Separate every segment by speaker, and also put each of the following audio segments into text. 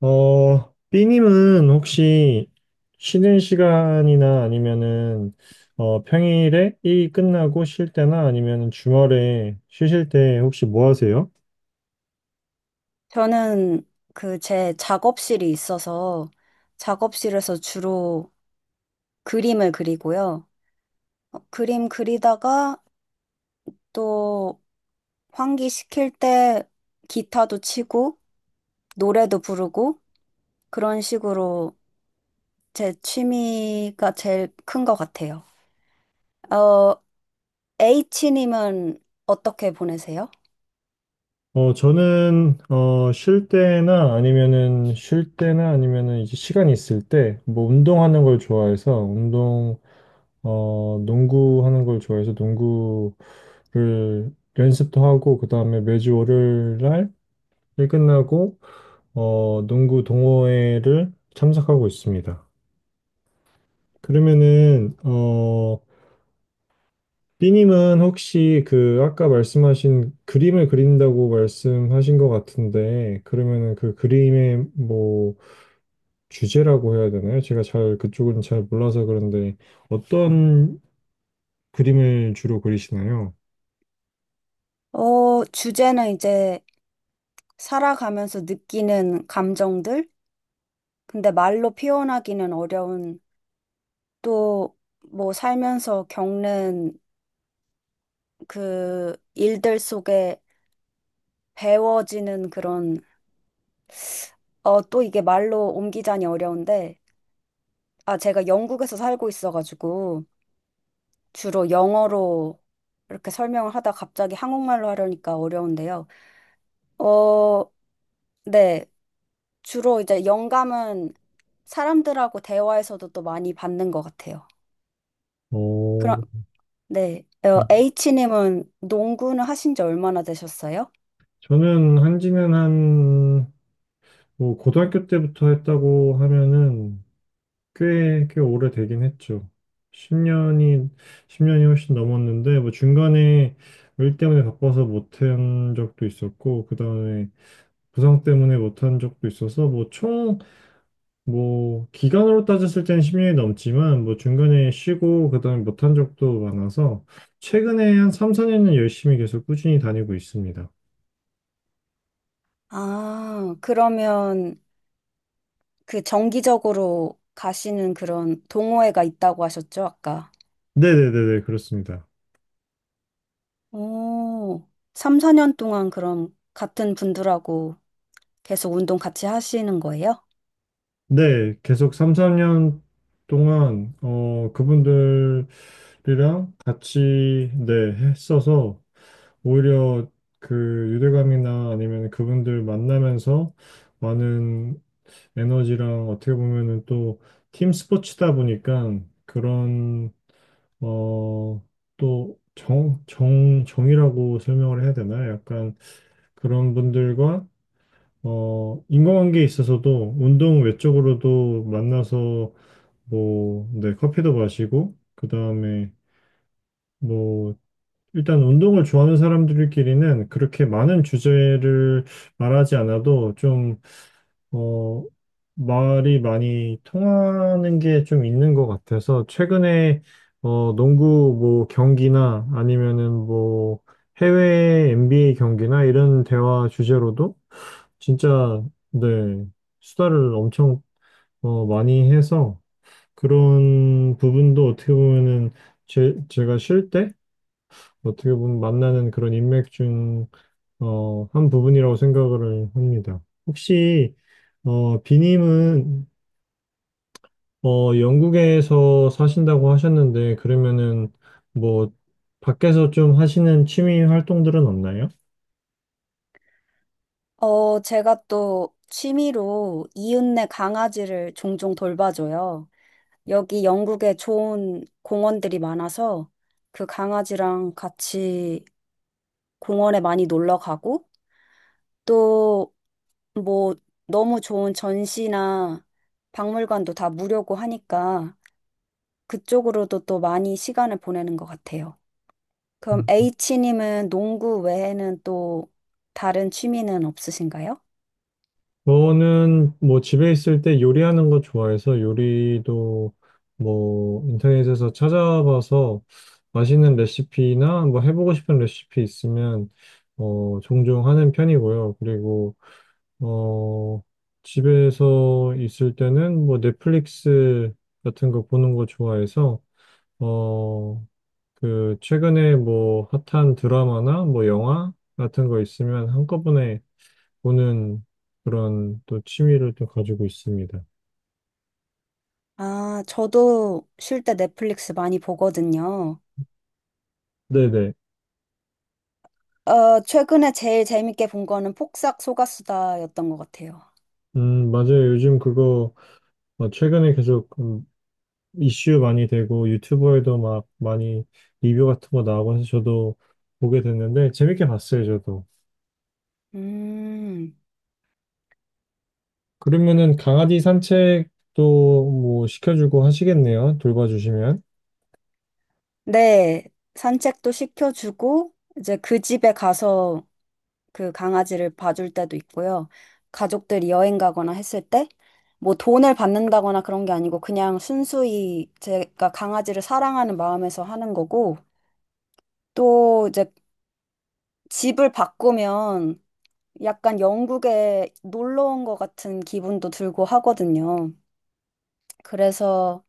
Speaker 1: B님은 혹시 쉬는 시간이나 아니면은 평일에 일이 끝나고 쉴 때나 아니면은 주말에 쉬실 때 혹시 뭐 하세요?
Speaker 2: 저는 그 제 작업실이 있어서 작업실에서 주로 그림을 그리고요. 그림 그리다가 또 환기시킬 때 기타도 치고 노래도 부르고 그런 식으로 제 취미가 제일 큰 것 같아요. 어, H님은 어떻게 보내세요?
Speaker 1: 저는 쉴 때나 아니면은 이제 시간이 있을 때 뭐 운동하는 걸 좋아해서 농구하는 걸 좋아해서 농구를 연습도 하고 그다음에 매주 월요일 날 일 끝나고 농구 동호회를 참석하고 있습니다. 그러면은, 삐님은 혹시 그 아까 말씀하신 그림을 그린다고 말씀하신 것 같은데, 그러면은 그 그림의 뭐 주제라고 해야 되나요? 제가 잘 그쪽은 잘 몰라서 그런데 어떤 그림을 주로 그리시나요?
Speaker 2: 주제는 이제 살아가면서 느끼는 감정들? 근데 말로 표현하기는 어려운 또 뭐 살면서 겪는 그 일들 속에 배워지는 그런 또 이게 말로 옮기자니 어려운데 아 제가 영국에서 살고 있어가지고 주로 영어로 이렇게 설명을 하다 갑자기 한국말로 하려니까 어려운데요. 어, 네. 주로 이제 영감은 사람들하고 대화에서도 또 많이 받는 것 같아요.
Speaker 1: 어,
Speaker 2: 그럼 네. H님은 농구는 하신 지 얼마나 되셨어요?
Speaker 1: 저는 한지는, 뭐 고등학교 때부터 했다고 하면은 꽤 오래되긴 했죠. 10년이, 십 년이 훨씬 넘었는데, 뭐 중간에 일 때문에 바빠서 못한 적도 있었고, 그 다음에 부상 때문에 못한 적도 있어서, 뭐 기간으로 따졌을 때는 10년 넘지만, 뭐 중간에 쉬고, 그 다음에 못한 적도 많아서, 최근에 한 3, 4년 열심히 계속 꾸준히 다니고 있습니다.
Speaker 2: 아, 그러면 그 정기적으로 가시는 그런 동호회가 있다고 하셨죠, 아까?
Speaker 1: 네네네네, 그렇습니다.
Speaker 2: 오, 3, 4년 동안 그럼 같은 분들하고 계속 운동 같이 하시는 거예요?
Speaker 1: 네, 계속 3, 4년 동안 그분들이랑 같이 네, 했어서 오히려 그 유대감이나 아니면 그분들 만나면서 많은 에너지랑 어떻게 보면은 또 팀 스포츠다 보니까 그런 어, 또 정이라고 설명을 해야 되나? 약간 그런 분들과 인간관계에 있어서도 운동 외적으로도 만나서 뭐, 네, 커피도 마시고, 그 다음에, 뭐, 일단 운동을 좋아하는 사람들끼리는 그렇게 많은 주제를 말하지 않아도 어, 말이 많이 통하는 게 좀 있는 것 같아서, 최근에, 농구 뭐 경기나 아니면은 뭐 해외 NBA 경기나 이런 대화 주제로도 진짜, 네, 수다를 엄청 많이 해서, 그런 부분도 어떻게 보면은 제가 쉴 때 어떻게 보면 만나는 그런 인맥 중, 한 부분이라고 생각을 합니다. 혹시, 비님은, 영국에서 사신다고 하셨는데, 그러면은 뭐, 밖에서 좀 하시는 취미 활동들은 없나요?
Speaker 2: 제가 또 취미로 이웃네 강아지를 종종 돌봐줘요. 여기 영국에 좋은 공원들이 많아서 그 강아지랑 같이 공원에 많이 놀러 가고 또 뭐 너무 좋은 전시나 박물관도 다 무료고 하니까 그쪽으로도 또 많이 시간을 보내는 것 같아요. 그럼 H님은 농구 외에는 또 다른 취미는 없으신가요?
Speaker 1: 저는 뭐 집에 있을 때 요리하는 거 좋아해서 요리도 뭐 인터넷에서 찾아봐서 맛있는 레시피나 뭐 해보고 싶은 레시피 있으면 종종 하는 편이고요. 그리고 어 집에서 있을 때는 뭐 넷플릭스 같은 거 보는 거 좋아해서 어 그 최근에 뭐 핫한 드라마나 뭐 영화 같은 거 있으면 한꺼번에 보는 그런 또 취미를 또 가지고 있습니다.
Speaker 2: 아, 저도 쉴 때 넷플릭스 많이 보거든요.
Speaker 1: 네네.
Speaker 2: 최근에 제일 재밌게 본 거는 폭삭 소가수다였던 것 같아요.
Speaker 1: 맞아요. 최근에 계속 이슈 많이 되고 유튜버에도 막 많이 리뷰 같은 거 나오고 해서 저도 보게 됐는데 재밌게 봤어요, 저도.
Speaker 2: 음,
Speaker 1: 그러면은 강아지 산책도 뭐 시켜주고 하시겠네요. 돌봐주시면.
Speaker 2: 네, 산책도 시켜주고, 이제 그 집에 가서 그 강아지를 봐줄 때도 있고요. 가족들이 여행 가거나 했을 때, 뭐 돈을 받는다거나 그런 게 아니고, 그냥 순수히 제가 강아지를 사랑하는 마음에서 하는 거고, 또 이제 집을 바꾸면 약간 영국에 놀러 온 것 같은 기분도 들고 하거든요. 그래서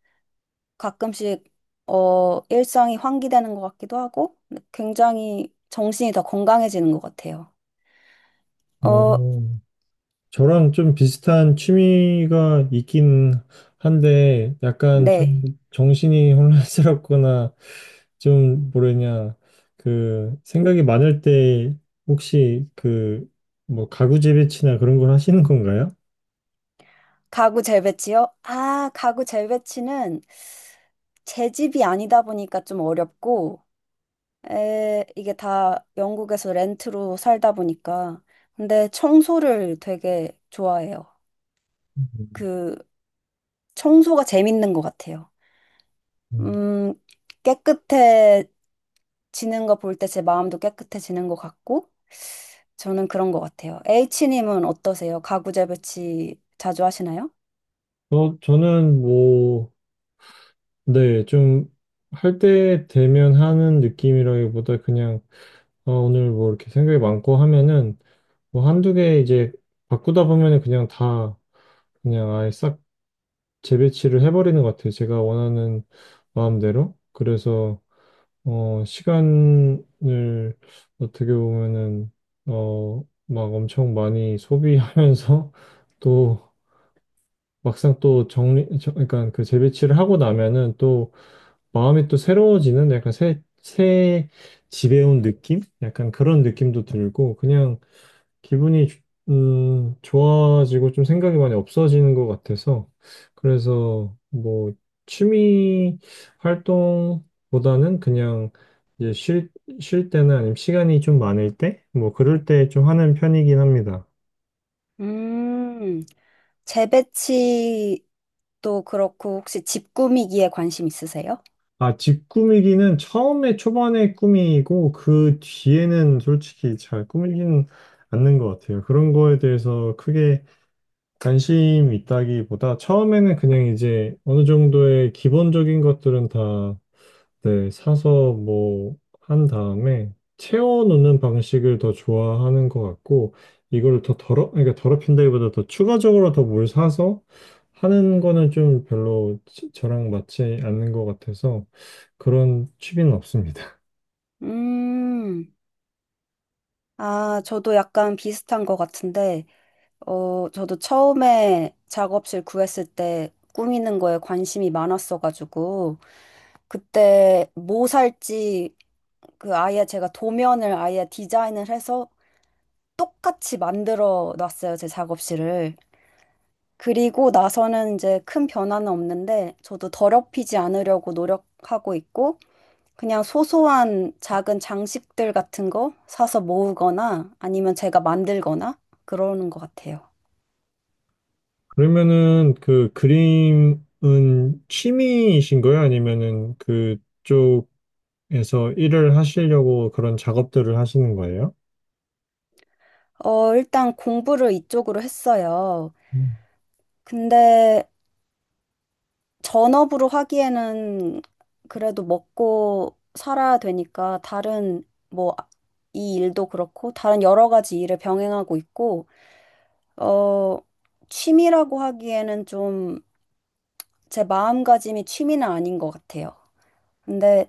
Speaker 2: 가끔씩 일상이 환기되는 것 같기도 하고 굉장히 정신이 더 건강해지는 것 같아요. 어,
Speaker 1: 어, 저랑 좀 비슷한 취미가 있긴 한데, 약간
Speaker 2: 네.
Speaker 1: 좀 정신이 혼란스럽거나, 좀 뭐랬냐, 그, 생각이 많을 때, 혹시 그, 뭐, 가구 재배치나 그런 걸 하시는 건가요?
Speaker 2: 가구 재배치요? 아, 가구 재배치는 제 집이 아니다 보니까 좀 어렵고 이게 다 영국에서 렌트로 살다 보니까 근데 청소를 되게 좋아해요. 그 청소가 재밌는 것 같아요.
Speaker 1: 음.
Speaker 2: 음, 깨끗해 지는 거 볼 때 제 마음도 깨끗해지는 것 같고 저는 그런 것 같아요. H님은 어떠세요? 가구 재배치 자주 하시나요?
Speaker 1: 저는 뭐, 네, 할 때 되면 하는 느낌이라기보다 그냥, 오늘 뭐 이렇게 생각이 많고 하면은, 뭐 한두 개 이제 바꾸다 보면은 그냥 아예 싹 재배치를 해버리는 것 같아요. 제가 원하는 마음대로. 그래서, 시간을 어떻게 보면은, 어, 막 엄청 많이 소비하면서 또 막상 그러니까 그 재배치를 하고 나면은 또 마음이 또 새로워지는 약간 새 집에 온 느낌? 약간 그런 느낌도 들고 그냥 기분이 주- 좋아지고 좀 생각이 많이 없어지는 것 같아서 그래서 뭐 취미 활동보다는 그냥 이제 쉴, 쉴 때나 아니면 시간이 좀 많을 때 뭐 그럴 때 좀 하는 편이긴 합니다.
Speaker 2: 음, 재배치도 그렇고 혹시 집 꾸미기에 관심 있으세요?
Speaker 1: 아, 집 꾸미기는 처음에 초반에 꾸미고 그 뒤에는 솔직히 잘 꾸미지는 않는 것 같아요. 그런 거에 대해서 크게 관심 있다기보다 처음에는 그냥 이제 어느 정도의 기본적인 것들은 다 네, 사서 뭐 한 다음에 채워놓는 방식을 더 좋아하는 것 같고 이걸 더 더럽 그러니까 더럽힌다기보다 더 추가적으로 더 뭘 사서 하는 거는 좀 별로 저랑 맞지 않는 것 같아서 그런 취미는 없습니다.
Speaker 2: 음, 아, 저도 약간 비슷한 것 같은데 저도 처음에 작업실 구했을 때 꾸미는 거에 관심이 많았어가지고, 그때 뭐 살지, 그 아예 제가 도면을 아예 디자인을 해서 똑같이 만들어 놨어요, 제 작업실을. 그리고 나서는 이제 큰 변화는 없는데, 저도 더럽히지 않으려고 노력하고 있고, 그냥 소소한 작은 장식들 같은 거 사서 모으거나 아니면 제가 만들거나 그러는 것 같아요.
Speaker 1: 그러면은 그 그림은 취미이신 거예요? 아니면은 그쪽 에서 일을 하시려고 그런 작업들을 하시는 거예요?
Speaker 2: 일단 공부를 이쪽으로 했어요.
Speaker 1: 음.
Speaker 2: 근데 전업으로 하기에는 그래도 먹고 살아야 되니까 다른 뭐 아, 이 일도 그렇고 다른 여러 가지 일을 병행하고 있고 어, 취미라고 하기에는 좀 제 마음가짐이 취미는 아닌 것 같아요. 근데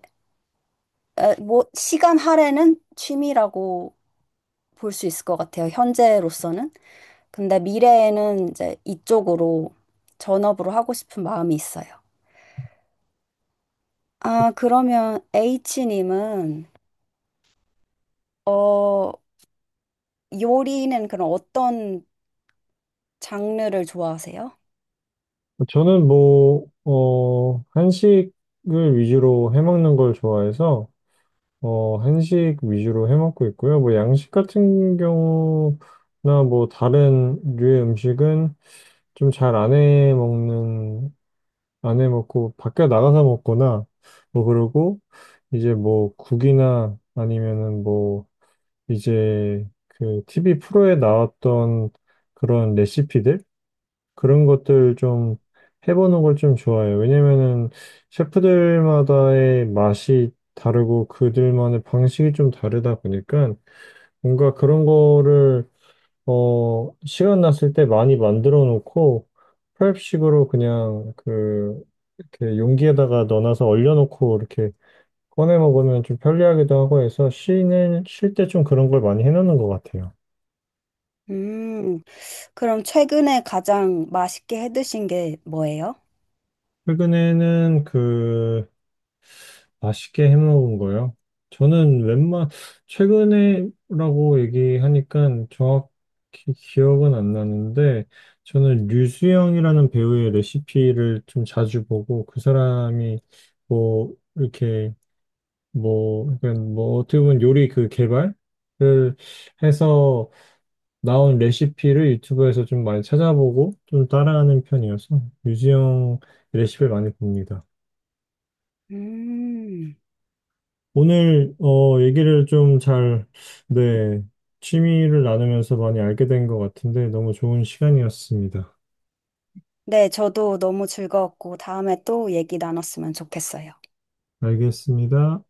Speaker 2: 뭐 시간 할애는 취미라고 볼 수 있을 것 같아요. 현재로서는. 근데 미래에는 이제 이쪽으로 전업으로 하고 싶은 마음이 있어요. 아, 그러면 H님은, 어, 요리는 그럼 어떤 장르를 좋아하세요?
Speaker 1: 저는 뭐, 어, 한식을 위주로 해먹는 걸 좋아해서, 어, 한식 위주로 해먹고 있고요. 뭐, 양식 같은 경우나 뭐, 다른 류의 음식은 좀 잘 안 해먹는, 안 해먹고, 밖에 나가서 먹거나, 뭐, 그러고, 이제 뭐, 국이나 아니면은 뭐, 이제 그 TV 프로에 나왔던 그런 레시피들 그런 것들 좀 해보는 걸 좀 좋아해요. 왜냐면은 셰프들마다의 맛이 다르고 그들만의 방식이 좀 다르다 보니까 뭔가 그런 거를 시간 났을 때 많이 만들어 놓고 프렙식으로 그냥 그 이렇게 용기에다가 넣어놔서 얼려놓고 이렇게 꺼내 먹으면 좀 편리하기도 하고 해서 쉬는 쉴 때 좀 그런 걸 많이 해놓는 것 같아요.
Speaker 2: 음, 그럼 최근에 가장 맛있게 해 드신 게 뭐예요?
Speaker 1: 최근에는 그 맛있게 해먹은 거요. 저는 웬만 최근에라고 얘기하니까 정확히 기억은 안 나는데 저는 류수영이라는 배우의 레시피를 좀 자주 보고 그 사람이 뭐 이렇게 뭐 약간 뭐 어떻게 보면 요리 그 개발을 해서 나온 레시피를 유튜브에서 좀 많이 찾아보고 좀 따라하는 편이어서 류수영 레시피를 많이 봅니다.
Speaker 2: 음,
Speaker 1: 오늘 네, 취미를 나누면서 많이 알게 된 것 같은데 너무 좋은 시간이었습니다.
Speaker 2: 네, 저도 너무 즐거웠고 다음에 또 얘기 나눴으면 좋겠어요.
Speaker 1: 알겠습니다.